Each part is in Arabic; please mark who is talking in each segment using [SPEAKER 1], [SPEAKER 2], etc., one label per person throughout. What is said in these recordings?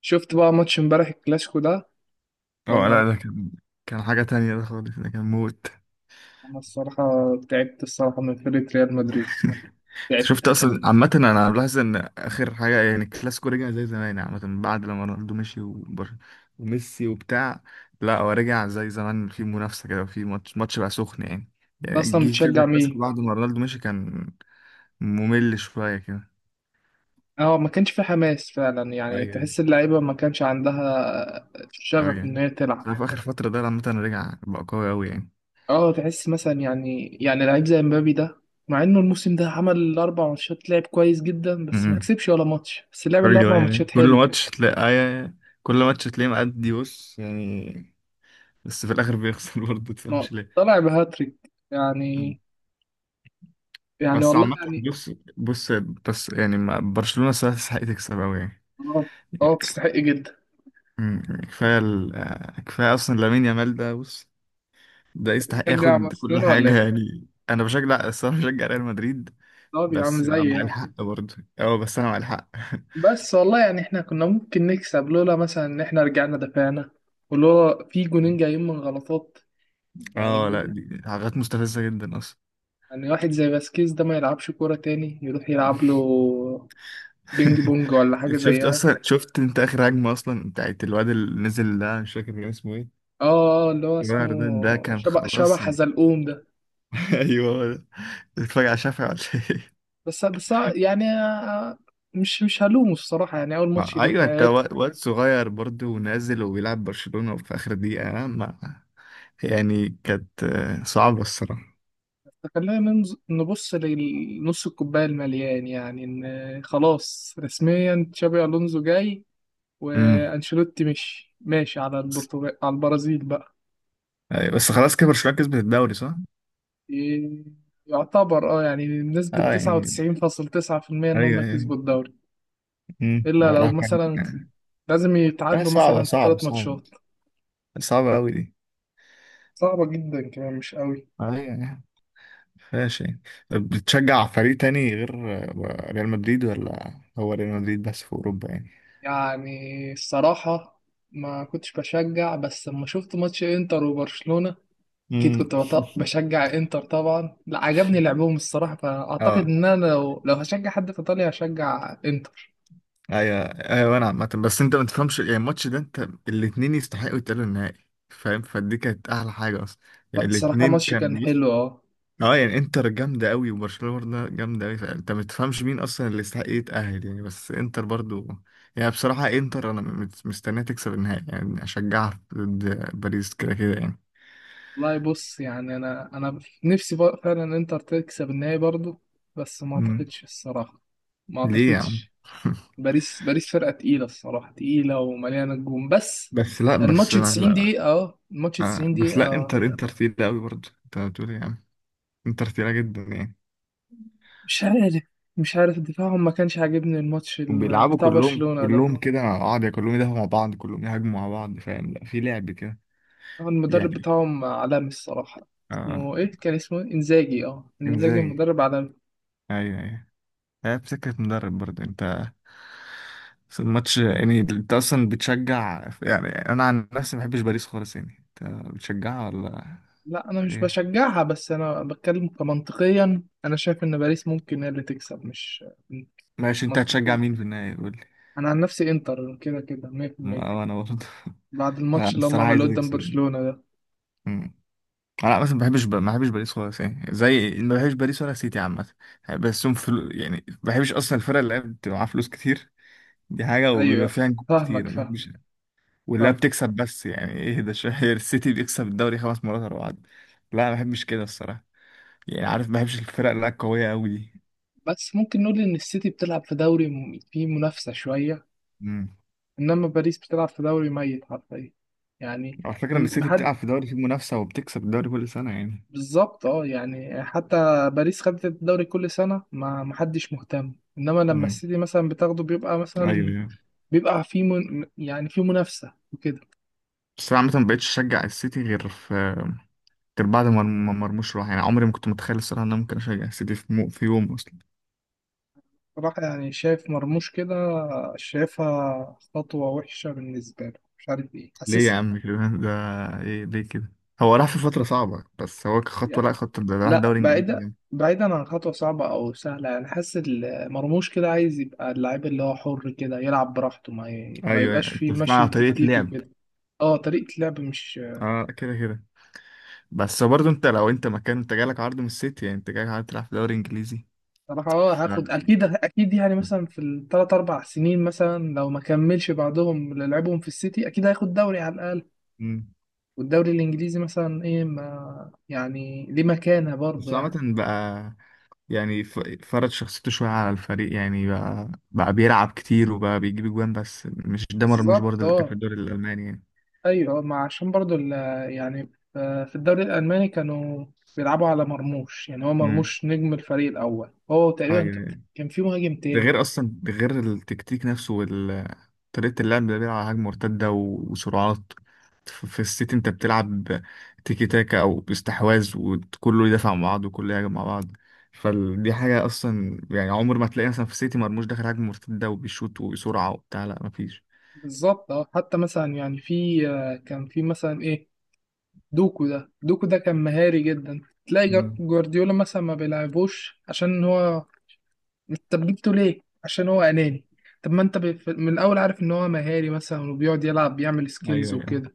[SPEAKER 1] شفت بقى ماتش امبارح الكلاسيكو ده
[SPEAKER 2] اه
[SPEAKER 1] ولا ما-
[SPEAKER 2] لا ده كان حاجة تانية ده خالص ده كان موت.
[SPEAKER 1] انا الصراحه تعبت الصراحه من فريق ريال مدريد،
[SPEAKER 2] انت
[SPEAKER 1] تعبت.
[SPEAKER 2] شفت اصلا عامة انا بلاحظ ان اخر حاجة يعني الكلاسيكو رجع زي زمان يعني عامة بعد لما رونالدو مشي وميسي وبتاع. لا هو رجع زي زمان في منافسة كده في ماتش ماتش بقى سخن يعني
[SPEAKER 1] انت
[SPEAKER 2] يعني
[SPEAKER 1] اصلا
[SPEAKER 2] جه كذا
[SPEAKER 1] بتشجع
[SPEAKER 2] كلاسيكو
[SPEAKER 1] مين؟
[SPEAKER 2] بعد ما رونالدو مشي كان ممل شوية كده.
[SPEAKER 1] اه، ما كانش في حماس فعلا، يعني
[SPEAKER 2] ايوه
[SPEAKER 1] تحس اللعيبه ما كانش عندها
[SPEAKER 2] اه
[SPEAKER 1] شغف ان
[SPEAKER 2] يعني
[SPEAKER 1] هي تلعب.
[SPEAKER 2] انا في اخر فترة ده عامة رجع بقى قوي قوي يعني.
[SPEAKER 1] اه، تحس مثلا، يعني لعيب زي مبابي ده، مع انه الموسم ده عمل 4 ماتشات لعب كويس جدا بس ما
[SPEAKER 2] امم.
[SPEAKER 1] كسبش ولا ماتش، بس لعب
[SPEAKER 2] ايوه
[SPEAKER 1] الاربع
[SPEAKER 2] يعني
[SPEAKER 1] ماتشات
[SPEAKER 2] كل
[SPEAKER 1] حلو.
[SPEAKER 2] ماتش تلاقي ايوه، كل ماتش تلاقيه مأدي بص يعني. بس في الاخر بيخسر برضه تفهمش
[SPEAKER 1] نقط
[SPEAKER 2] ليه.
[SPEAKER 1] طلع بهاتريك
[SPEAKER 2] مم.
[SPEAKER 1] يعني، يعني
[SPEAKER 2] بس
[SPEAKER 1] والله
[SPEAKER 2] عامة
[SPEAKER 1] يعني.
[SPEAKER 2] بص بس يعني برشلونة صراحة تستحق تكسب أوي يعني.
[SPEAKER 1] اه، اه تستحق جدا.
[SPEAKER 2] كفاية ال... آه، كفاية أصلا لامين يامال ده بص، ده يستحق
[SPEAKER 1] تشجع
[SPEAKER 2] ياخد كل
[SPEAKER 1] برشلونه ولا
[SPEAKER 2] حاجة
[SPEAKER 1] ايه؟
[SPEAKER 2] يعني. أنا بشجع الصراحة بشجع ريال مدريد.
[SPEAKER 1] طب يا عم
[SPEAKER 2] بس أنا
[SPEAKER 1] زي
[SPEAKER 2] مع
[SPEAKER 1] يعني.
[SPEAKER 2] الحق برضه، بس أنا مع الحق.
[SPEAKER 1] بس والله يعني احنا كنا ممكن نكسب لولا مثلا ان احنا رجعنا دفعنا، ولولا في جونين جايين من غلطات، يعني
[SPEAKER 2] أه لا
[SPEAKER 1] الجون.
[SPEAKER 2] دي حاجات مستفزة جدا أصلا.
[SPEAKER 1] يعني واحد زي باسكيز ده ما يلعبش كورة تاني، يروح يلعب له بينج بونج ولا حاجة
[SPEAKER 2] شفت
[SPEAKER 1] زيها.
[SPEAKER 2] أصلا، شفت أنت آخر هجمة أصلا بتاعت الواد اللي نزل ده؟ مش فاكر كان اسمه إيه.
[SPEAKER 1] اه، اللي هو اسمه
[SPEAKER 2] جاردن، ده كان
[SPEAKER 1] شبه
[SPEAKER 2] خلاص يعني.
[SPEAKER 1] حزلقوم ده.
[SPEAKER 2] ايوه هو ده. بتتفرج على شافعي ولا؟ ايه؟
[SPEAKER 1] بس يعني، مش هلومه الصراحة، يعني أول ماتش
[SPEAKER 2] ما
[SPEAKER 1] ليه في
[SPEAKER 2] ايوه انت،
[SPEAKER 1] حياته.
[SPEAKER 2] واد صغير برضه ونازل وبيلعب برشلونة وفي اخر دقيقة ما يعني كانت صعبة الصراحة.
[SPEAKER 1] فخلينا نبص لنص الكوباية المليان، يعني إن خلاص رسميا تشابي ألونزو جاي،
[SPEAKER 2] امم
[SPEAKER 1] وانشيلوتي مش ماشي على البرتغال، على البرازيل بقى.
[SPEAKER 2] ايوه بس خلاص كده برشلونة كسبت الدوري صح؟
[SPEAKER 1] إيه، يعتبر اه يعني بنسبة
[SPEAKER 2] اه
[SPEAKER 1] تسعة
[SPEAKER 2] يعني
[SPEAKER 1] وتسعين فاصل تسعة في المية إن هم
[SPEAKER 2] ايوه ايوه.
[SPEAKER 1] كسبوا الدوري. إلا لو
[SPEAKER 2] والله كان.
[SPEAKER 1] مثلا لازم
[SPEAKER 2] لا
[SPEAKER 1] يتعادلوا
[SPEAKER 2] صعبة
[SPEAKER 1] مثلا في
[SPEAKER 2] صعبة
[SPEAKER 1] الثلاث
[SPEAKER 2] صعبة،
[SPEAKER 1] ماتشات
[SPEAKER 2] صعبة قوي دي.
[SPEAKER 1] صعبة جدا كمان مش قوي.
[SPEAKER 2] ايوه يعني فيهاش يعني. طب بتشجع فريق تاني غير ريال مدريد ولا؟ هو ريال مدريد بس في اوروبا يعني؟
[SPEAKER 1] يعني الصراحة ما كنتش بشجع، بس لما شفت ماتش انتر وبرشلونة اكيد
[SPEAKER 2] امم
[SPEAKER 1] كنت بشجع انتر طبعا، لا عجبني لعبهم الصراحة، فاعتقد
[SPEAKER 2] اه
[SPEAKER 1] ان انا لو هشجع حد في ايطاليا هشجع انتر.
[SPEAKER 2] ايوه ايوه. انا عامة بس انت ما تفهمش يعني الماتش ده، انت الاتنين يستحقوا يتأهلوا النهائي فاهم؟ فدي كانت احلى حاجة اصلا. يعني
[SPEAKER 1] لا، الصراحة
[SPEAKER 2] الاتنين
[SPEAKER 1] ماتش
[SPEAKER 2] كان
[SPEAKER 1] كان
[SPEAKER 2] بص
[SPEAKER 1] حلو اه.
[SPEAKER 2] اه يعني انتر جامدة قوي وبرشلونة برضه جامدة قوي فانت ما تفهمش مين اصلا اللي يستحق يتأهل يعني. بس انتر برضه يعني بصراحة، انتر انا مستنيها تكسب النهائي يعني اشجعها ضد باريس كده كده يعني.
[SPEAKER 1] والله بص، يعني انا نفسي بقى فعلا انتر تكسب النهائي برضو، بس ما
[SPEAKER 2] مم.
[SPEAKER 1] اعتقدش الصراحه، ما
[SPEAKER 2] ليه يا عم؟
[SPEAKER 1] اعتقدش. باريس، باريس فرقه تقيله الصراحه، تقيله ومليانه نجوم بس.
[SPEAKER 2] بس لا
[SPEAKER 1] الماتش
[SPEAKER 2] بس لا,
[SPEAKER 1] 90
[SPEAKER 2] لا.
[SPEAKER 1] دقيقه، اه الماتش
[SPEAKER 2] آه
[SPEAKER 1] 90
[SPEAKER 2] بس
[SPEAKER 1] دقيقه،
[SPEAKER 2] لا، انتر تقيلة قوي برضه، انت بتقول ايه يا عم؟ انتر تقيلة جدا يعني.
[SPEAKER 1] مش عارف، مش عارف دفاعهم ما كانش عاجبني الماتش
[SPEAKER 2] بيلعبوا
[SPEAKER 1] بتاع
[SPEAKER 2] كلهم
[SPEAKER 1] برشلونه ده.
[SPEAKER 2] كلهم كده مع بعض يعني، كلهم يدافعوا مع بعض كلهم يهاجموا مع بعض فاهم؟ لا في لعب كده
[SPEAKER 1] المدرب
[SPEAKER 2] يعني.
[SPEAKER 1] بتاعهم عالمي الصراحه.
[SPEAKER 2] اه
[SPEAKER 1] اسمه ايه؟ كان اسمه إيه؟ انزاجي، اه انزاجي
[SPEAKER 2] انزاجي،
[SPEAKER 1] مدرب عالمي.
[SPEAKER 2] ايوه ايوه. هي بسكة مدرب برضه انت. بس الماتش يعني انت اصلا بتشجع؟ يعني انا عن نفسي ما بحبش باريس خالص يعني، انت بتشجعها ولا
[SPEAKER 1] لا انا مش
[SPEAKER 2] ايه؟
[SPEAKER 1] بشجعها، بس انا بتكلم كمنطقيا، انا شايف ان باريس ممكن هي اللي تكسب، مش
[SPEAKER 2] ماشي، انت هتشجع
[SPEAKER 1] منطقي.
[SPEAKER 2] مين في النهاية قول لي.
[SPEAKER 1] انا عن نفسي انتر كده كده 100%
[SPEAKER 2] وانا برضه.
[SPEAKER 1] بعد
[SPEAKER 2] لا
[SPEAKER 1] الماتش اللي هم
[SPEAKER 2] الصراحة عايز
[SPEAKER 1] عملوه قدام
[SPEAKER 2] تكسب.
[SPEAKER 1] برشلونة ده.
[SPEAKER 2] انا مثلا ما بحبش ما بحبش باريس خالص يعني. زي ما بحبش باريس ولا سيتي عامه. بس هم يعني ما بحبش اصلا الفرق اللي بتبقى معاها فلوس كتير، دي حاجه، وبيبقى
[SPEAKER 1] ايوه،
[SPEAKER 2] فيها نجوم
[SPEAKER 1] فاهمك
[SPEAKER 2] كتير ما
[SPEAKER 1] فاهم،
[SPEAKER 2] بحبش. واللي
[SPEAKER 1] فاهم.
[SPEAKER 2] بتكسب بس يعني ايه ده شهير؟ السيتي بيكسب الدوري خمس مرات ورا بعض. لا ما بحبش كده الصراحه، يعني عارف ما بحبش الفرق اللي هي القويه قوي دي.
[SPEAKER 1] بس ممكن نقول ان السيتي بتلعب في دوري فيه منافسة شوية،
[SPEAKER 2] امم،
[SPEAKER 1] انما باريس بتلعب في دوري ميت حرفيا يعني،
[SPEAKER 2] على فكره ان السيتي
[SPEAKER 1] محد
[SPEAKER 2] بتلعب في دوري فيه منافسه وبتكسب الدوري كل سنه يعني.
[SPEAKER 1] بالظبط اه، يعني حتى باريس خدت الدوري كل سنة ما محدش مهتم، انما لما
[SPEAKER 2] امم
[SPEAKER 1] السيتي مثلا بتاخده بيبقى
[SPEAKER 2] ايوه
[SPEAKER 1] مثلا،
[SPEAKER 2] ايوه.
[SPEAKER 1] بيبقى في من، يعني في منافسة وكده.
[SPEAKER 2] بس انا عامه ما بقتش اشجع السيتي غير في، غير بعد ما ما مرموش راح يعني. عمري ما كنت متخيل الصراحة ان انا ممكن اشجع السيتي في, في يوم اصلا.
[SPEAKER 1] راح يعني، شايف مرموش كده شايفها خطوة وحشة بالنسبة له، مش عارف ايه
[SPEAKER 2] ليه يا
[SPEAKER 1] حاسسها
[SPEAKER 2] عم كده؟ ده ايه ليه كده؟ هو راح في فترة صعبة بس هو كخطوة،
[SPEAKER 1] يعني.
[SPEAKER 2] لا، خطوة ده راح
[SPEAKER 1] لا
[SPEAKER 2] دوري انجليزي
[SPEAKER 1] بعيدة،
[SPEAKER 2] يعني.
[SPEAKER 1] بعيدا عن خطوة صعبة أو سهلة، يعني حاسس مرموش كده عايز يبقى اللعيب اللي هو حر كده يلعب براحته، ما ما
[SPEAKER 2] ايوه
[SPEAKER 1] يبقاش
[SPEAKER 2] انت
[SPEAKER 1] فيه
[SPEAKER 2] بتتكلم
[SPEAKER 1] مشي
[SPEAKER 2] على طريقة
[SPEAKER 1] تكتيكي
[SPEAKER 2] لعب.
[SPEAKER 1] وكده. اه طريقة لعب مش.
[SPEAKER 2] اه كده كده. بس برضه انت لو انت مكان، انت جالك عرض من السيتي يعني انت جالك عرض تلعب في دوري انجليزي.
[SPEAKER 1] صراحة اه
[SPEAKER 2] ف...
[SPEAKER 1] هاخد أكيد أكيد يعني، مثلا في ال 3 أو 4 سنين مثلا لو ما كملش بعدهم اللي لعبهم في السيتي أكيد هياخد دوري على الأقل.
[SPEAKER 2] مم.
[SPEAKER 1] والدوري الانجليزي مثلا ايه، ما يعني ليه مكانه برضه
[SPEAKER 2] بس
[SPEAKER 1] يعني.
[SPEAKER 2] عامة بقى يعني فرض شخصيته شوية على الفريق يعني، بقى بيلعب كتير وبقى بيجيب جوان، بس مش ده مرموش برضه
[SPEAKER 1] بالظبط
[SPEAKER 2] اللي كان في
[SPEAKER 1] اه.
[SPEAKER 2] الدوري الألماني.
[SPEAKER 1] ايوه ما عشان برضه يعني في الدوري الالماني كانوا بيلعبوا على مرموش، يعني هو
[SPEAKER 2] يعني
[SPEAKER 1] مرموش نجم الفريق الاول، هو تقريبا كان،
[SPEAKER 2] ايوه،
[SPEAKER 1] كان في مهاجم
[SPEAKER 2] ده
[SPEAKER 1] تاني.
[SPEAKER 2] غير اصلا، ده غير التكتيك نفسه وال طريقة اللعب. ده بيلعب على هجمة مرتدة وسرعات، في السيتي انت بتلعب تيكي تاكا او استحواذ وكله يدافع مع بعض وكله يهاجم مع بعض. فدي حاجة اصلا يعني عمر ما تلاقي مثلا في السيتي مرموش داخل هجمة مرتدة وبيشوط وبسرعة وبتاع، لا مفيش.
[SPEAKER 1] بالظبط اه، حتى مثلا يعني في كان في مثلا ايه، دوكو ده، دوكو ده كان مهاري جدا، تلاقي
[SPEAKER 2] مم.
[SPEAKER 1] جوارديولا مثلا ما بيلعبوش عشان هو. طب جبته ليه؟ عشان هو أناني. طب ما أنت من الأول عارف إن هو مهاري مثلا وبيقعد يلعب بيعمل
[SPEAKER 2] ايوه
[SPEAKER 1] سكيلز
[SPEAKER 2] أيوة.
[SPEAKER 1] وكده.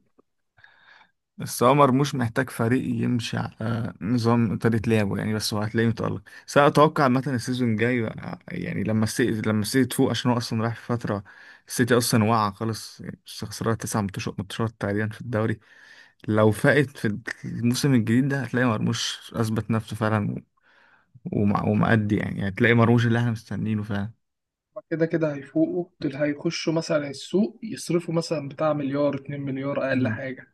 [SPEAKER 2] بس هو مرموش محتاج فريق يمشي على نظام طريقة لعبه يعني، بس هو هتلاقيه متألق. بس أنا أتوقع مثلا السيزون الجاي يعني لما السيتي، لما السيتي تفوق، عشان هو أصلا رايح في فترة. السيتي أصلا واقع خالص، خسرانة تسع ماتشات ماتشات تقريبا في الدوري. لو فاقت في الموسم الجديد ده هتلاقي مرموش أثبت نفسه فعلا، ومأدي، يعني هتلاقي مرموش اللي احنا مستنيينه فعلا.
[SPEAKER 1] كده كده هيفوقوا دول، هيخشوا مثلا السوق يصرفوا مثلا بتاع مليار، اتنين مليار أقل حاجة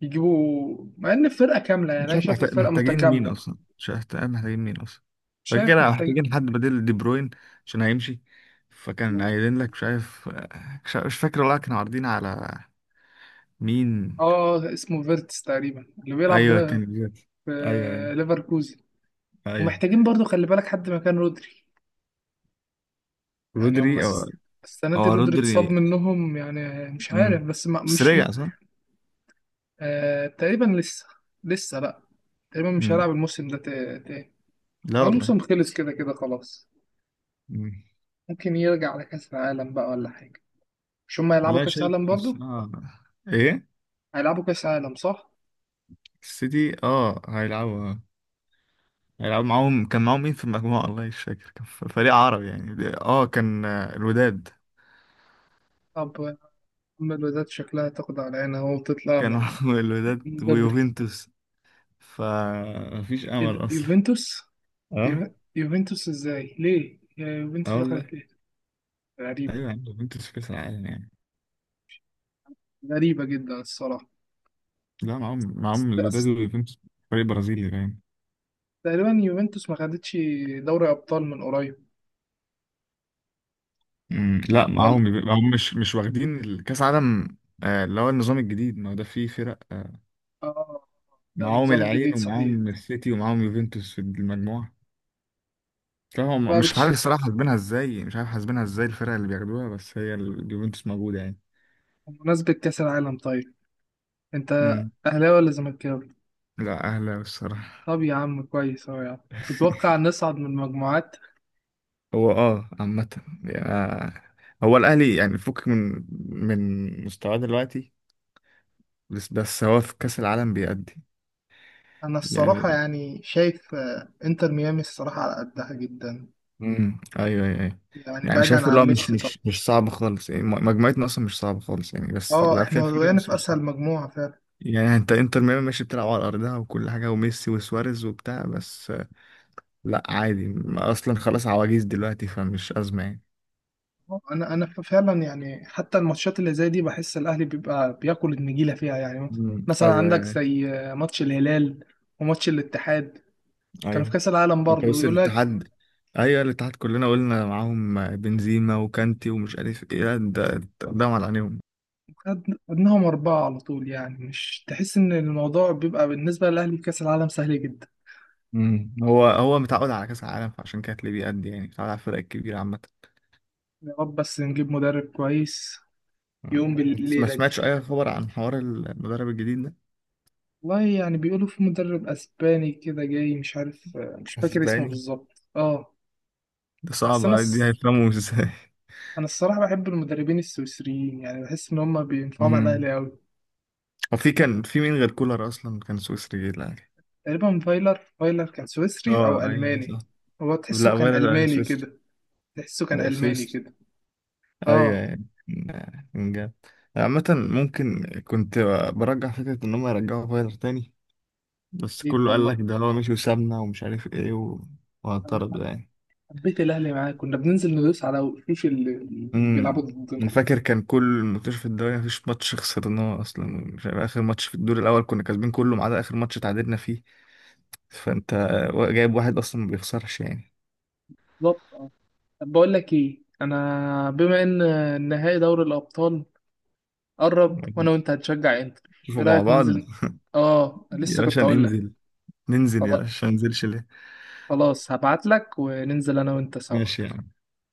[SPEAKER 1] يجيبوا، مع إن الفرقة كاملة يعني
[SPEAKER 2] مش
[SPEAKER 1] أنا
[SPEAKER 2] عارف
[SPEAKER 1] شايف
[SPEAKER 2] محتاج،
[SPEAKER 1] الفرقة
[SPEAKER 2] محتاجين مين
[SPEAKER 1] متكاملة.
[SPEAKER 2] اصلا؟ مش عارف محتاجين مين اصلا. فكده
[SPEAKER 1] شايف
[SPEAKER 2] كده
[SPEAKER 1] محتاج
[SPEAKER 2] محتاجين حد بديل دي بروين، عشان هيمشي. فكان قايلين لك مش عارف، مش فاكر والله كانوا عارضين على مين.
[SPEAKER 1] آه اسمه فيرتس تقريبا، اللي بيلعب
[SPEAKER 2] ايوه كان جات.
[SPEAKER 1] في
[SPEAKER 2] ايوه ايوه
[SPEAKER 1] ليفركوزن.
[SPEAKER 2] ايوه
[SPEAKER 1] ومحتاجين برضو خلي بالك حد مكان رودري، يعني
[SPEAKER 2] رودري
[SPEAKER 1] هم
[SPEAKER 2] او
[SPEAKER 1] السنة
[SPEAKER 2] او
[SPEAKER 1] دي رودري
[SPEAKER 2] رودري.
[SPEAKER 1] اتصاب منهم يعني، مش عارف
[SPEAKER 2] امم،
[SPEAKER 1] بس ما
[SPEAKER 2] بس
[SPEAKER 1] مش.
[SPEAKER 2] رجع صح؟
[SPEAKER 1] آه تقريبا لسه، لسه لا، تقريبا مش
[SPEAKER 2] امم
[SPEAKER 1] هلعب الموسم ده تاني
[SPEAKER 2] لا
[SPEAKER 1] هو
[SPEAKER 2] والله.
[SPEAKER 1] الموسم خلص كده كده خلاص.
[SPEAKER 2] امم،
[SPEAKER 1] ممكن يرجع على كأس العالم بقى ولا حاجة. مش هما هيلعبوا
[SPEAKER 2] لا
[SPEAKER 1] كأس
[SPEAKER 2] شايف
[SPEAKER 1] العالم برضو؟
[SPEAKER 2] الصراحة. ايه؟
[SPEAKER 1] هيلعبوا كأس العالم صح؟
[SPEAKER 2] السيتي اه هيلعبوا آه. هيلعبوا معاهم، كان معاهم مين في المجموعة؟ والله مش فاكر، كان فريق عربي يعني. اه كان الوداد.
[SPEAKER 1] طب أما الوداد شكلها تاخد على عينها أهو وتطلع
[SPEAKER 2] كانوا
[SPEAKER 1] من،
[SPEAKER 2] الوداد
[SPEAKER 1] من بدري.
[SPEAKER 2] ويوفنتوس، فمفيش
[SPEAKER 1] إيه ده
[SPEAKER 2] امل اصلا.
[SPEAKER 1] يوفنتوس؟
[SPEAKER 2] اه،
[SPEAKER 1] يوفنتوس إزاي؟ ليه؟ يا يوفنتوس
[SPEAKER 2] اه والله.
[SPEAKER 1] دخلت ليه؟ غريبة،
[SPEAKER 2] ايوه يعني يوفنتوس في كاس العالم يعني.
[SPEAKER 1] غريبة جدا الصراحة.
[SPEAKER 2] لا معاهم، معاهم الوداد
[SPEAKER 1] بس
[SPEAKER 2] ويوفنتوس، فريق برازيلي باين.
[SPEAKER 1] تقريبا يوفنتوس ما خدتش دوري أبطال من قريب
[SPEAKER 2] مم، لا
[SPEAKER 1] ولا.
[SPEAKER 2] معاهم معاهم مش واخدين كاس عالم. اللي هو النظام الجديد، ما هو ده فيه فرق
[SPEAKER 1] اه ده
[SPEAKER 2] معاهم
[SPEAKER 1] النظام
[SPEAKER 2] العين
[SPEAKER 1] الجديد صحيح.
[SPEAKER 2] ومعاهم السيتي ومعاهم يوفنتوس في المجموعة. لا هم
[SPEAKER 1] بقى
[SPEAKER 2] مش عارف
[SPEAKER 1] بتش...
[SPEAKER 2] الصراحة حاسبينها ازاي، مش عارف حاسبينها ازاي الفرق اللي بياخدوها، بس هي اليوفنتوس موجودة يعني.
[SPEAKER 1] بمناسبة كأس العالم طيب، انت
[SPEAKER 2] مم.
[SPEAKER 1] اهلاوي ولا زملكاوي؟
[SPEAKER 2] لا أهلا الصراحة.
[SPEAKER 1] طب يا عم كويس اهو يعني. تتوقع نصعد من المجموعات؟
[SPEAKER 2] هو اه عامة يعني هو الأهلي يعني فك من، من مستواه دلوقتي، بس بس هو في كأس العالم بيأدي.
[SPEAKER 1] انا الصراحة
[SPEAKER 2] يعني
[SPEAKER 1] يعني شايف انتر ميامي الصراحة على قدها جدا،
[SPEAKER 2] ايوه ايوه أيوة.
[SPEAKER 1] يعني
[SPEAKER 2] يعني
[SPEAKER 1] بعيدا
[SPEAKER 2] شايف اللي هو
[SPEAKER 1] عن
[SPEAKER 2] مش
[SPEAKER 1] ميسي طبعا.
[SPEAKER 2] مش مش صعب خالص يعني مجموعتنا اصلا مش صعبة خالص يعني، بس
[SPEAKER 1] اه
[SPEAKER 2] لا فيها
[SPEAKER 1] احنا
[SPEAKER 2] فرق
[SPEAKER 1] وقعنا
[SPEAKER 2] بس
[SPEAKER 1] في
[SPEAKER 2] مش صعبة.
[SPEAKER 1] اسهل مجموعة فعلا.
[SPEAKER 2] يعني انت انتر ميامي ماشي بتلعب على ارضها وكل حاجة وميسي وسواريز وبتاع، بس لا عادي اصلا خلاص عواجيز دلوقتي فمش أزمة يعني.
[SPEAKER 1] انا فعلا يعني حتى الماتشات اللي زي دي بحس الاهلي بيبقى بياكل النجيلة فيها يعني. مثلا
[SPEAKER 2] ايوه
[SPEAKER 1] عندك
[SPEAKER 2] ايوه
[SPEAKER 1] زي ماتش الهلال وماتش الاتحاد، كانوا في
[SPEAKER 2] أيوة.
[SPEAKER 1] كأس العالم
[SPEAKER 2] انت
[SPEAKER 1] برضه
[SPEAKER 2] بص
[SPEAKER 1] ويقول لك،
[SPEAKER 2] الاتحاد، ايوه الاتحاد كلنا قلنا معاهم بنزيما وكانتي ومش عارف ايه. لا ده على عينيهم.
[SPEAKER 1] خدناهم 4 على طول، يعني مش تحس إن الموضوع بيبقى بالنسبة للأهلي في كأس العالم سهل جدا.
[SPEAKER 2] هو متعود على كاس العالم فعشان كده تلاقيه بيأدي يعني، متعود على الفرق الكبيره عامه.
[SPEAKER 1] يا رب بس نجيب مدرب كويس
[SPEAKER 2] أمم.
[SPEAKER 1] يقوم
[SPEAKER 2] انت ما
[SPEAKER 1] بالليلة دي.
[SPEAKER 2] سمعتش اي خبر عن حوار المدرب الجديد ده؟
[SPEAKER 1] والله يعني بيقولوا في مدرب أسباني كده جاي، مش عارف، مش فاكر اسمه
[SPEAKER 2] اسباني؟
[SPEAKER 1] بالظبط اه.
[SPEAKER 2] ده
[SPEAKER 1] بس
[SPEAKER 2] صعب أوي، دي هيفهموا ازاي؟
[SPEAKER 1] أنا الصراحة بحب المدربين السويسريين، يعني بحس إن هما بينفعوا مع
[SPEAKER 2] أمم.
[SPEAKER 1] الأهلي أوي.
[SPEAKER 2] هو في كان في مين غير كولر اصلا كان سويسري جه الاهلي؟
[SPEAKER 1] تقريبا فايلر، فايلر كان سويسري أو
[SPEAKER 2] اه ايوه ايوه
[SPEAKER 1] ألماني.
[SPEAKER 2] صح.
[SPEAKER 1] هو تحسه
[SPEAKER 2] لا
[SPEAKER 1] كان
[SPEAKER 2] غير
[SPEAKER 1] ألماني
[SPEAKER 2] سويسري.
[SPEAKER 1] كده. تحسه كان
[SPEAKER 2] هو
[SPEAKER 1] ألماني
[SPEAKER 2] سويسري.
[SPEAKER 1] كده.
[SPEAKER 2] ايوه
[SPEAKER 1] اه.
[SPEAKER 2] يعني، من جد. عامة ممكن كنت برجع فكرة ان هم يرجعوا فايلر تاني، بس
[SPEAKER 1] جديد
[SPEAKER 2] كله قال
[SPEAKER 1] والله.
[SPEAKER 2] لك ده هو مشي وسابنا ومش عارف ايه وهطرد يعني.
[SPEAKER 1] حبيت الاهلي معاك، كنا بننزل ندوس على وشوش اللي بيلعبوا
[SPEAKER 2] امم
[SPEAKER 1] ضدنا.
[SPEAKER 2] انا فاكر كان كل منتشر في الدوري مفيش ماتش خسرناه اصلا. مش عارف اخر ماتش في الدور الاول كنا كاسبين كله ما عدا اخر ماتش تعادلنا فيه، فانت جايب واحد اصلا ما بيخسرش يعني.
[SPEAKER 1] بالظبط اه. طب بقول لك ايه، انا بما ان نهائي دوري الابطال قرب، وانا وانت هتشجع انتر،
[SPEAKER 2] شوفوا
[SPEAKER 1] ايه
[SPEAKER 2] مع
[SPEAKER 1] رايك
[SPEAKER 2] بعض
[SPEAKER 1] ننزل؟ اه
[SPEAKER 2] يا
[SPEAKER 1] لسه
[SPEAKER 2] باشا،
[SPEAKER 1] كنت اقول لك.
[SPEAKER 2] ننزل ننزل يا
[SPEAKER 1] خلاص،
[SPEAKER 2] باشا، ما ننزلش ليه؟
[SPEAKER 1] خلاص هبعت لك وننزل انا وانت سوا.
[SPEAKER 2] ماشي يا عم.